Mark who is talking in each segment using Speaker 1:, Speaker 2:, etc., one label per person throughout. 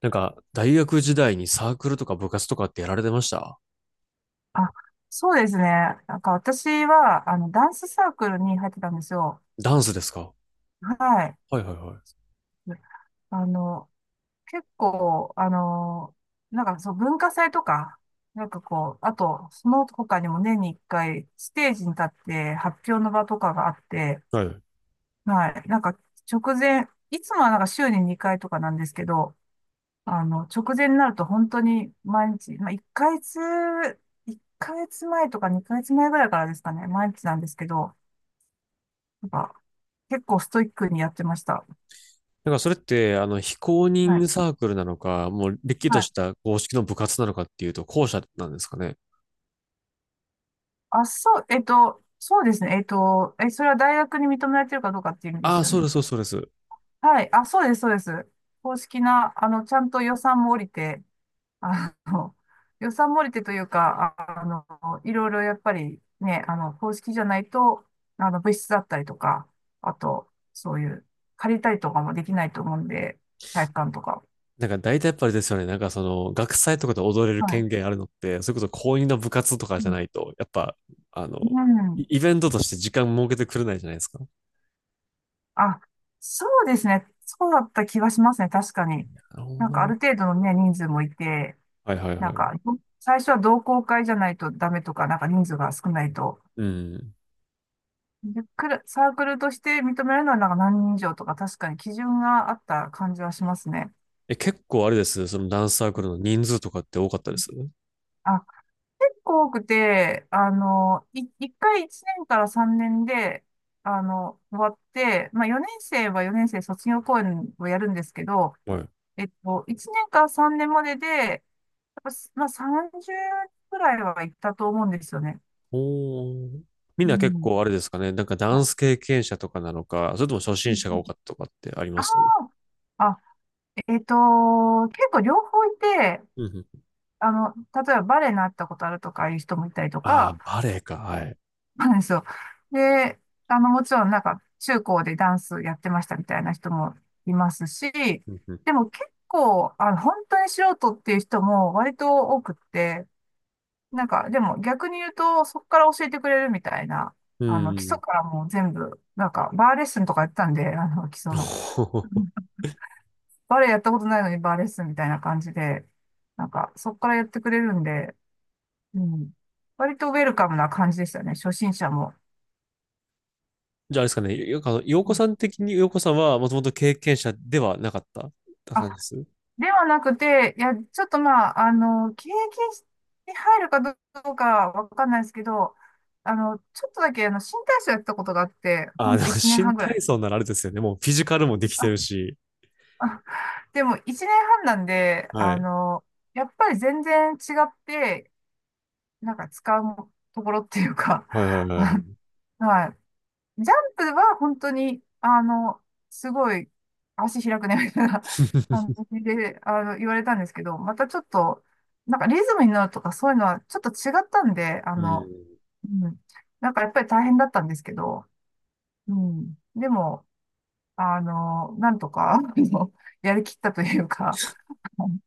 Speaker 1: 大学時代にサークルとか部活とかってやられてました？
Speaker 2: あ、そうですね。なんか私は、ダンスサークルに入ってたんですよ。
Speaker 1: ダンスですか？
Speaker 2: はい。
Speaker 1: はいはいは
Speaker 2: あの、結構、文化祭とか、あと、その他にも年に一回、ステージに立って発表の場とかがあって、
Speaker 1: い。はい。
Speaker 2: はい。直前、いつもはなんか週に2回とかなんですけど、直前になると本当に毎日、まあ、1ヶ月前とか2ヶ月前ぐらいからですかね、毎日なんですけど、なんか、結構ストイックにやってました。
Speaker 1: それって、非公
Speaker 2: は
Speaker 1: 認
Speaker 2: い。
Speaker 1: サークルなのか、もう、れっきと
Speaker 2: はい。
Speaker 1: した公式の部活なのかっていうと、後者なんですかね。
Speaker 2: あ、そう、そうですね。それは大学に認められてるかどうかっていう意味で
Speaker 1: ああ、
Speaker 2: すよ
Speaker 1: そうで
Speaker 2: ね。
Speaker 1: す、そうです、そうです。
Speaker 2: はい。あ、そうです、そうです。公式な、ちゃんと予算も降りて、あの、予算も降りてというか、いろいろやっぱりね、公式じゃないと、物室だったりとか、あと、そういう、借りたりとかもできないと思うんで、体育館とか。
Speaker 1: 大体やっぱりですよね。その、学祭とかで踊れる
Speaker 2: はい。
Speaker 1: 権限あるのって、それこそ公認の部活とか
Speaker 2: う
Speaker 1: じゃ
Speaker 2: ん。
Speaker 1: ないと、やっぱ、あ
Speaker 2: う
Speaker 1: の、イ
Speaker 2: ん、
Speaker 1: イベントとして時間設けてくれないじゃないですか。
Speaker 2: あ、そうですね。そうだった気がしますね。確かに。
Speaker 1: なるほ
Speaker 2: なん
Speaker 1: ど
Speaker 2: かあ
Speaker 1: な。
Speaker 2: る程度のね、人数もいて、
Speaker 1: はいはい
Speaker 2: な
Speaker 1: は
Speaker 2: ん
Speaker 1: い。
Speaker 2: か、最初は同好会じゃないとダメとか、なんか人数が少ないと。
Speaker 1: うん。
Speaker 2: で、クラサークルとして認めるのはなんか何人以上とか、確かに基準があった感じはしますね。
Speaker 1: え、結構あれです。そのダンスサークルの人数とかって多かったです？
Speaker 2: あ、結構多くて、1年から3年で、終わって、まあ4年生は4年生卒業公演をやるんですけど、
Speaker 1: はい。
Speaker 2: 1年から3年までで、やっぱ、まあ、30くらいは行ったと思うんですよね。
Speaker 1: おー。みん
Speaker 2: う
Speaker 1: な結
Speaker 2: ん。
Speaker 1: 構あれですかね。ダ
Speaker 2: は
Speaker 1: ン
Speaker 2: い。
Speaker 1: ス経験者とかなのか、それとも初
Speaker 2: うん
Speaker 1: 心
Speaker 2: う
Speaker 1: 者が多
Speaker 2: ん。
Speaker 1: かったとかってありま
Speaker 2: あ
Speaker 1: す？
Speaker 2: あ、あ、えっと、結構両方いて、
Speaker 1: うんうん。
Speaker 2: 例えばバレエになったことあるとかいう人もいたりと
Speaker 1: ああ、
Speaker 2: か、
Speaker 1: バレエか。はい。
Speaker 2: なんですよ。で、もちろんなんか中高でダンスやってましたみたいな人もいますし、
Speaker 1: うんうん。
Speaker 2: でも結構、本当に素人っていう人も割と多くって、でも逆に言うと、そこから教えてくれるみたいな、
Speaker 1: うんう
Speaker 2: 基礎
Speaker 1: ん。
Speaker 2: からもう全部、バーレッスンとかやってたんで、基礎の。バレエやったことないのにバーレッスンみたいな感じで、そこからやってくれるんで、うん。割とウェルカムな感じでしたね、初心者も。
Speaker 1: じゃああれですかね。よくあの洋
Speaker 2: う
Speaker 1: 子
Speaker 2: ん、
Speaker 1: さん的に洋子さんはもともと経験者ではなかったって
Speaker 2: あ、
Speaker 1: 感じです？
Speaker 2: ではなくて、いや、ちょっとまあ、経験に入るかどうかわかんないですけど、ちょっとだけ、新体操やったことがあって、
Speaker 1: あ
Speaker 2: ほ
Speaker 1: あ、
Speaker 2: ん
Speaker 1: で
Speaker 2: と
Speaker 1: も
Speaker 2: 1年
Speaker 1: 新
Speaker 2: 半ぐら
Speaker 1: 体
Speaker 2: い。
Speaker 1: 操ならあれですよね。もうフィジカルもできてるし。
Speaker 2: あ、でも一年半なんで、
Speaker 1: はい。
Speaker 2: やっぱり全然違って、なんか使うところっていうか、
Speaker 1: はいはい はいはい。
Speaker 2: はい。ジャンプは本当に、すごい足開くね、みたいな 感 じで、言われたんですけど、またちょっと、なんかリズムに乗るとかそういうのはちょっと違ったんで、
Speaker 1: うん。
Speaker 2: うん。なんかやっぱり大変だったんですけど、うん。でも、なんとか、やりきったというか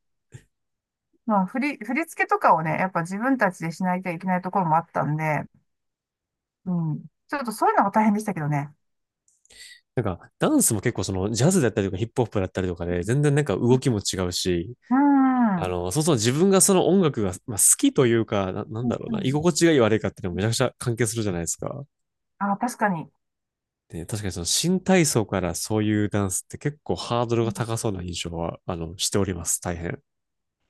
Speaker 2: まあ、振り付けとかをね、やっぱ自分たちでしないといけないところもあったんで、うん。ちょっとそういうのが大変でしたけどね。
Speaker 1: ダンスも結構その、ジャズだったりとかヒップホップだったりとかで、全然動きも違うし、
Speaker 2: うん。うん。
Speaker 1: そうそう自分がその音楽が、まあ、好きというか、なんだろうな、居心地がいい悪いかっていうのもめちゃくちゃ関係するじゃないですか。
Speaker 2: あ、確かに。
Speaker 1: で、確かにその新体操からそういうダンスって結構ハードルが高そうな印象は、しております。大変。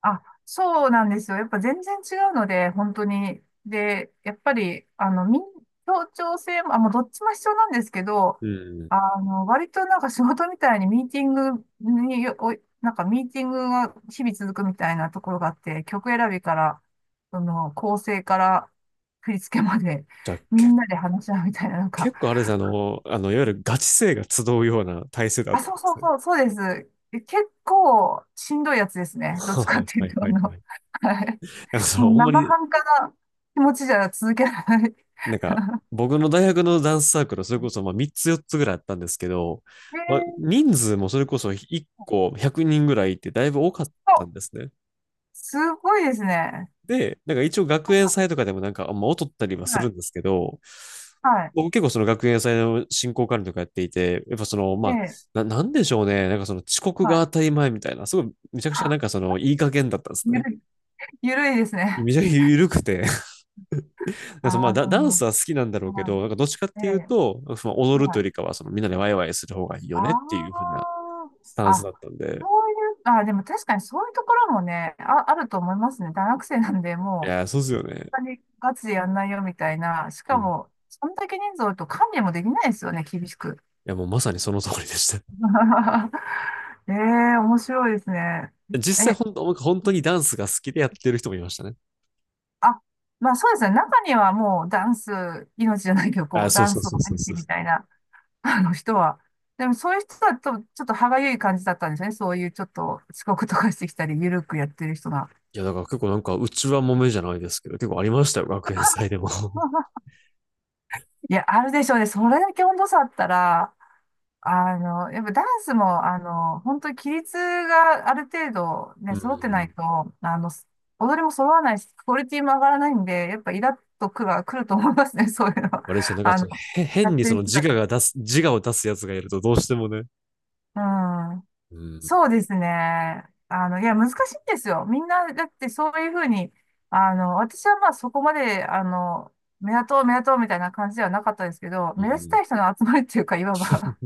Speaker 2: あ、そうなんですよ。やっぱ全然違うので、本当に。で、やっぱり、協調性も、あ、もうどっちも必要なんですけど、
Speaker 1: うん。
Speaker 2: 割となんか仕事みたいにミーティングによ、お、なんかミーティングが日々続くみたいなところがあって、曲選びから、その、構成から振り付けまで、
Speaker 1: じゃあ、
Speaker 2: み
Speaker 1: け、
Speaker 2: んなで話し合うみたいな、
Speaker 1: 結構あれですね、あの、いわゆるガチ勢が集うような体制だっ
Speaker 2: あ、
Speaker 1: たわけですね。
Speaker 2: そうです。え、結構しんどいやつです ね。どっちか
Speaker 1: は
Speaker 2: っ
Speaker 1: い
Speaker 2: てい
Speaker 1: は
Speaker 2: う
Speaker 1: い
Speaker 2: と、
Speaker 1: はいはい。
Speaker 2: はい、もう
Speaker 1: ほんま
Speaker 2: 生
Speaker 1: に
Speaker 2: 半可な気持ちじゃ続けられない。
Speaker 1: なんか、僕の大学のダンスサークル、それこ そまあ3つ4つぐらいあったんですけど、
Speaker 2: え
Speaker 1: まあ、
Speaker 2: ー
Speaker 1: 人数もそれこそ1個100人ぐらいってだいぶ多かっ
Speaker 2: と、
Speaker 1: たんですね。
Speaker 2: すごいですね。
Speaker 1: で、一応学園
Speaker 2: は
Speaker 1: 祭とかでもまあ、劣ったりは
Speaker 2: い。
Speaker 1: す
Speaker 2: は
Speaker 1: る
Speaker 2: い。
Speaker 1: んですけど、
Speaker 2: はい。
Speaker 1: 僕結構その学園祭の進行管理とかやっていて、やっぱその、まあ、
Speaker 2: ええ、
Speaker 1: なんでしょうね。その遅刻
Speaker 2: は
Speaker 1: が
Speaker 2: い。
Speaker 1: 当たり前みたいな、すごいめちゃくちゃ
Speaker 2: あ、
Speaker 1: そのいい加減だったんです
Speaker 2: ゆ
Speaker 1: ね。
Speaker 2: るい、ゆるいですね。
Speaker 1: めちゃくちゃ緩くて
Speaker 2: あ
Speaker 1: そのまあ
Speaker 2: あ、なるほ
Speaker 1: ダンスは好きなんだろ
Speaker 2: ど。
Speaker 1: うけ
Speaker 2: は
Speaker 1: ど、どっちかっ
Speaker 2: い。え
Speaker 1: ていう
Speaker 2: え、
Speaker 1: と、その踊る
Speaker 2: は
Speaker 1: というよ
Speaker 2: い。
Speaker 1: りかは、そのみんなでワイワイする方がいい
Speaker 2: あ
Speaker 1: よねっていう風な
Speaker 2: あ、
Speaker 1: スタンス
Speaker 2: あ、
Speaker 1: だったんで、
Speaker 2: そういう、あ、でも確かにそういうところもね、あ、あると思いますね。大学生なんで、
Speaker 1: い
Speaker 2: も
Speaker 1: やー、そう
Speaker 2: う、
Speaker 1: ですよね。
Speaker 2: 本当にガチでやんないよみたいな。し
Speaker 1: う
Speaker 2: か
Speaker 1: ん。い
Speaker 2: も、そんだけ人数多いと管理もできないですよね、厳しく。
Speaker 1: や、もうまさにその通りでした。
Speaker 2: ええー、面白いですね。
Speaker 1: 実際
Speaker 2: え、
Speaker 1: 本当、僕本当にダンスが好きでやってる人もいましたね。
Speaker 2: あ、まあそうですね。中にはもうダンス、命じゃないけど、こ
Speaker 1: あ、
Speaker 2: う、
Speaker 1: そう
Speaker 2: ダン
Speaker 1: そう
Speaker 2: スを
Speaker 1: そうそ
Speaker 2: 入
Speaker 1: う
Speaker 2: っ
Speaker 1: そ
Speaker 2: て
Speaker 1: う。
Speaker 2: みたいな、あの人は。でもそういう人だと、ちょっと歯がゆい感じだったんですよね。そういうちょっと遅刻とかしてきたり、ゆるくやってる人が。
Speaker 1: いや、だから結構なんか、うちは揉めじゃないですけど、結構ありましたよ、学園祭でも。
Speaker 2: いや、あるでしょうね。それだけ温度差あったら、やっぱダンスも、本当に規律がある程度
Speaker 1: う
Speaker 2: ね、揃ってない
Speaker 1: ん。
Speaker 2: と、あの、踊りも揃わないし、クオリティも上がらないんで、やっぱイラッとくが来ると思いますね、そういうのは。
Speaker 1: あれですよね、
Speaker 2: あ
Speaker 1: ち
Speaker 2: の、
Speaker 1: ょっとへ
Speaker 2: や
Speaker 1: 変
Speaker 2: っ
Speaker 1: に
Speaker 2: て
Speaker 1: そ
Speaker 2: る
Speaker 1: の
Speaker 2: 人たち
Speaker 1: 自我を出すやつがいるとどうしてもね。
Speaker 2: が。うん。
Speaker 1: うん。
Speaker 2: そうですね。いや、難しいんですよ。みんな、だってそういうふうに、私はまあそこまで、目立とうみたいな感じではなかったですけど、
Speaker 1: う
Speaker 2: 目立ち
Speaker 1: ん。
Speaker 2: たい人の集まりっていうか、いわば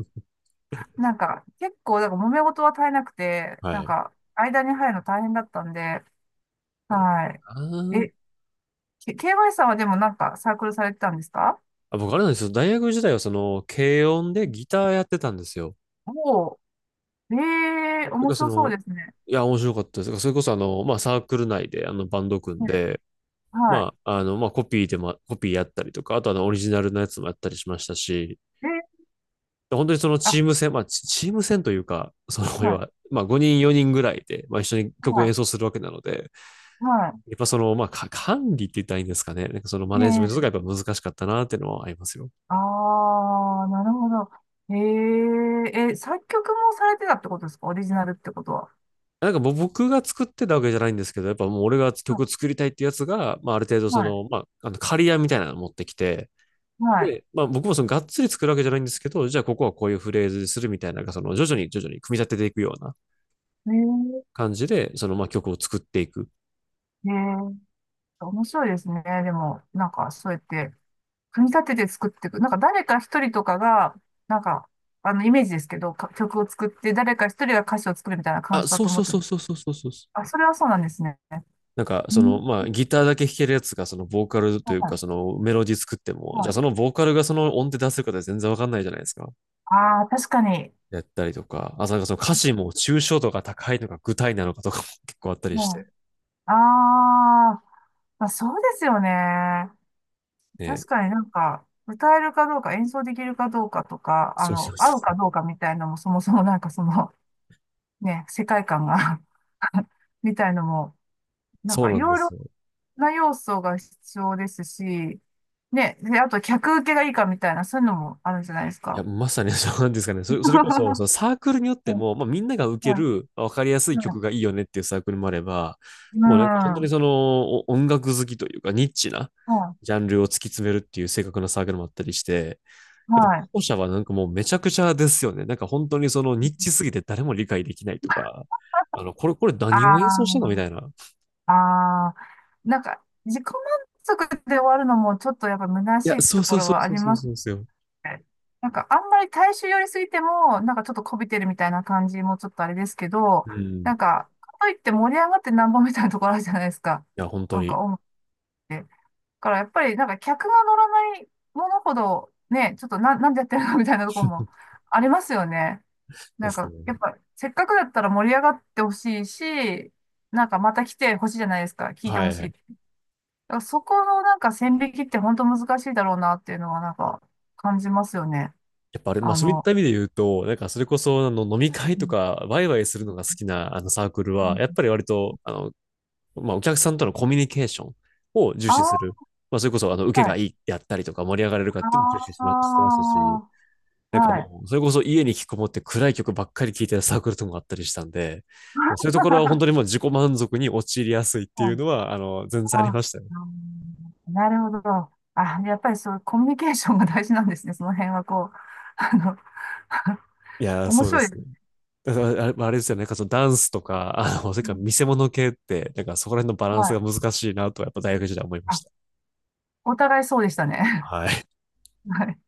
Speaker 2: 結構、なんから揉め事は絶えなくて、
Speaker 1: は
Speaker 2: なん
Speaker 1: い。
Speaker 2: か、間に入るの大変だったんで、
Speaker 1: あの、
Speaker 2: は
Speaker 1: あ
Speaker 2: い。え、
Speaker 1: ー
Speaker 2: K- y さんはでもなんかサークルされてたんですか？
Speaker 1: 僕あれなんですよ。大学時代はその、軽音でギターやってたんですよ。
Speaker 2: おおー、ええ、
Speaker 1: だか
Speaker 2: 面
Speaker 1: らそ
Speaker 2: 白そう
Speaker 1: の、
Speaker 2: ですね。
Speaker 1: いや、面白かったです。それこそあの、まあサークル内であのバンド組ん
Speaker 2: ね、
Speaker 1: で、
Speaker 2: は
Speaker 1: まあ、あの、コピーやったりとか、あとあのオリジナルのやつもやったりしましたし、
Speaker 2: い。え、
Speaker 1: 本当にその
Speaker 2: あ、
Speaker 1: チーム戦、まあチーム戦というか、その、
Speaker 2: は
Speaker 1: 要
Speaker 2: い、
Speaker 1: は、まあ5人4人ぐらいで、まあ一緒に曲
Speaker 2: は
Speaker 1: を
Speaker 2: い、
Speaker 1: 演奏するわけなので、
Speaker 2: は
Speaker 1: やっぱその、まあ、管理って言ったらいいんですかね。そのマネジメントとかやっ
Speaker 2: い。ええ、
Speaker 1: ぱ難しかったなっていうのはありますよ。
Speaker 2: ああなるほど。えええ、作曲もされてたってことですか？オリジナルってことは。
Speaker 1: もう僕が作ってたわけじゃないんですけど、やっぱもう俺が
Speaker 2: は
Speaker 1: 曲
Speaker 2: い、
Speaker 1: 作りたいってやつが、まあ、ある程度
Speaker 2: は
Speaker 1: そ
Speaker 2: い、
Speaker 1: の、まあ、あの、刈り屋みたいなの持ってきて、
Speaker 2: はい。
Speaker 1: で、まあ僕もそのがっつり作るわけじゃないんですけど、じゃあここはこういうフレーズにするみたいな、その徐々に組み立てていくような
Speaker 2: え
Speaker 1: 感じで、そのまあ曲を作っていく。
Speaker 2: え、ええ、面白いですね。でも、なんか、そうやって、組み立てて作っていく。なんか誰か一人とかが、なんか、イメージですけど、か曲を作って、誰か一人が歌詞を作るみたいな感
Speaker 1: あ、
Speaker 2: じだ
Speaker 1: そう
Speaker 2: と思
Speaker 1: そ
Speaker 2: っ
Speaker 1: う
Speaker 2: て
Speaker 1: そ
Speaker 2: ま
Speaker 1: う
Speaker 2: す。
Speaker 1: そうそうそうそう。
Speaker 2: あ、それはそうなんですね。
Speaker 1: なんか、
Speaker 2: う
Speaker 1: そ
Speaker 2: ん。
Speaker 1: の、まあ、ギターだけ弾けるやつが、その、ボーカルというか、
Speaker 2: は
Speaker 1: その、メロディ作って
Speaker 2: い。
Speaker 1: も、じ
Speaker 2: は
Speaker 1: ゃあ、その
Speaker 2: い。
Speaker 1: ボーカルがその音程出せるかって全然わかんないじゃないですか。
Speaker 2: ああ、確かに。
Speaker 1: やったりとか、あ、その歌詞も抽象度が高いのか具体なのかとかも結構あったりし
Speaker 2: は
Speaker 1: て、
Speaker 2: い。ああ、まあ、そうですよね。
Speaker 1: ね。
Speaker 2: 確かになんか、歌えるかどうか、演奏できるかどうかとか、
Speaker 1: そうそうそう
Speaker 2: 合う
Speaker 1: そう。
Speaker 2: かどうかみたいなのも、そもそもなんかその、ね、世界観が みたいのも、なん
Speaker 1: そう
Speaker 2: かい
Speaker 1: なんで
Speaker 2: ろい
Speaker 1: す
Speaker 2: ろ
Speaker 1: よ。
Speaker 2: な要素が必要ですし、ね、で、あと客受けがいいかみたいな、そういうのもあるじゃないです
Speaker 1: いや、
Speaker 2: か。
Speaker 1: まさにそうなんですかね。そ れ、それこそ、そ
Speaker 2: は
Speaker 1: のサークルによっ
Speaker 2: い、
Speaker 1: ても、まあ、みんなが受け
Speaker 2: は
Speaker 1: る、わかりやすい
Speaker 2: い、は
Speaker 1: 曲がい
Speaker 2: い、
Speaker 1: いよねっていうサークルもあれば、
Speaker 2: うん、
Speaker 1: もう本当に
Speaker 2: は
Speaker 1: その、音楽好きというか、ニッチな
Speaker 2: い、
Speaker 1: ジャンルを突き詰めるっていう正確なサークルもあったりして、やっぱ
Speaker 2: はい。
Speaker 1: 後者はもうめちゃくちゃですよね。本当にそのニッチすぎて誰も理解できないとか、これ何を演奏した
Speaker 2: あ
Speaker 1: のみたいな。
Speaker 2: あ、ああ、なんか、自己満足で終わるのもちょっとやっぱ虚
Speaker 1: い
Speaker 2: し
Speaker 1: や、
Speaker 2: い
Speaker 1: そう
Speaker 2: と
Speaker 1: そ
Speaker 2: こ
Speaker 1: う
Speaker 2: ろ
Speaker 1: そう
Speaker 2: はあ
Speaker 1: そう
Speaker 2: り
Speaker 1: そう
Speaker 2: ます
Speaker 1: そうですよ。
Speaker 2: ね。なんか、あんまり大衆寄りすぎても、なんかちょっとこびてるみたいな感じもちょっとあれですけど、
Speaker 1: うん。い
Speaker 2: なんか、かといって盛り上がってなんぼみたいなところあるじゃないですか。
Speaker 1: や、本
Speaker 2: な
Speaker 1: 当
Speaker 2: ん
Speaker 1: に。
Speaker 2: か、音楽って。からやっぱりなんか客が乗らないものほどね、ちょっとなんでやってるのみたいなところも ありますよね。
Speaker 1: で
Speaker 2: なん
Speaker 1: すね。
Speaker 2: かやっぱせっかくだったら盛り上がってほしいし、なんかまた来てほしいじゃないですか。聞いて
Speaker 1: は
Speaker 2: ほ
Speaker 1: い
Speaker 2: し
Speaker 1: は
Speaker 2: い。
Speaker 1: い。
Speaker 2: だからそこのなんか線引きって本当難しいだろうなっていうのはなんか感じますよね。
Speaker 1: やっぱあれ、まあ
Speaker 2: あ
Speaker 1: そういっ
Speaker 2: の、
Speaker 1: た意味で言うと、それこそあの飲み会
Speaker 2: う
Speaker 1: と
Speaker 2: ん、
Speaker 1: かワイワイするのが好きなあのサークル
Speaker 2: う
Speaker 1: は、
Speaker 2: ん、
Speaker 1: やっぱり割と、あの、まあお客さんとのコミュニケーションを重
Speaker 2: あ
Speaker 1: 視す
Speaker 2: ー、
Speaker 1: る。まあそれこそあの受け
Speaker 2: は
Speaker 1: が
Speaker 2: い。
Speaker 1: いいであったりとか盛り上がれるかっていうのを重視しましてましたし、
Speaker 2: あー、
Speaker 1: なんか
Speaker 2: はい。
Speaker 1: もう、それこそ家に引きこもって暗い曲ばっかり聴いてたサークルとかもあったりしたんで、でそういうところは本当に もう自己満足に陥りやすいっていうのは、全然あり
Speaker 2: あ、
Speaker 1: ましたよ。
Speaker 2: うん、なるほど。あ、やっぱりそう、コミュニケーションが大事なんですね。その辺はこう、あの、
Speaker 1: いや ー、
Speaker 2: 面
Speaker 1: そうで
Speaker 2: 白いで
Speaker 1: す
Speaker 2: す
Speaker 1: ね。
Speaker 2: ね。
Speaker 1: だからあれですよね。そのダンスとか、それ
Speaker 2: う
Speaker 1: から
Speaker 2: ん、
Speaker 1: 見せ物系って、そこら辺のバラン
Speaker 2: は
Speaker 1: スが
Speaker 2: い。
Speaker 1: 難しいなとはやっぱ大学時代思いま
Speaker 2: あ、
Speaker 1: した。
Speaker 2: お互いそうでしたね。
Speaker 1: はい。
Speaker 2: はい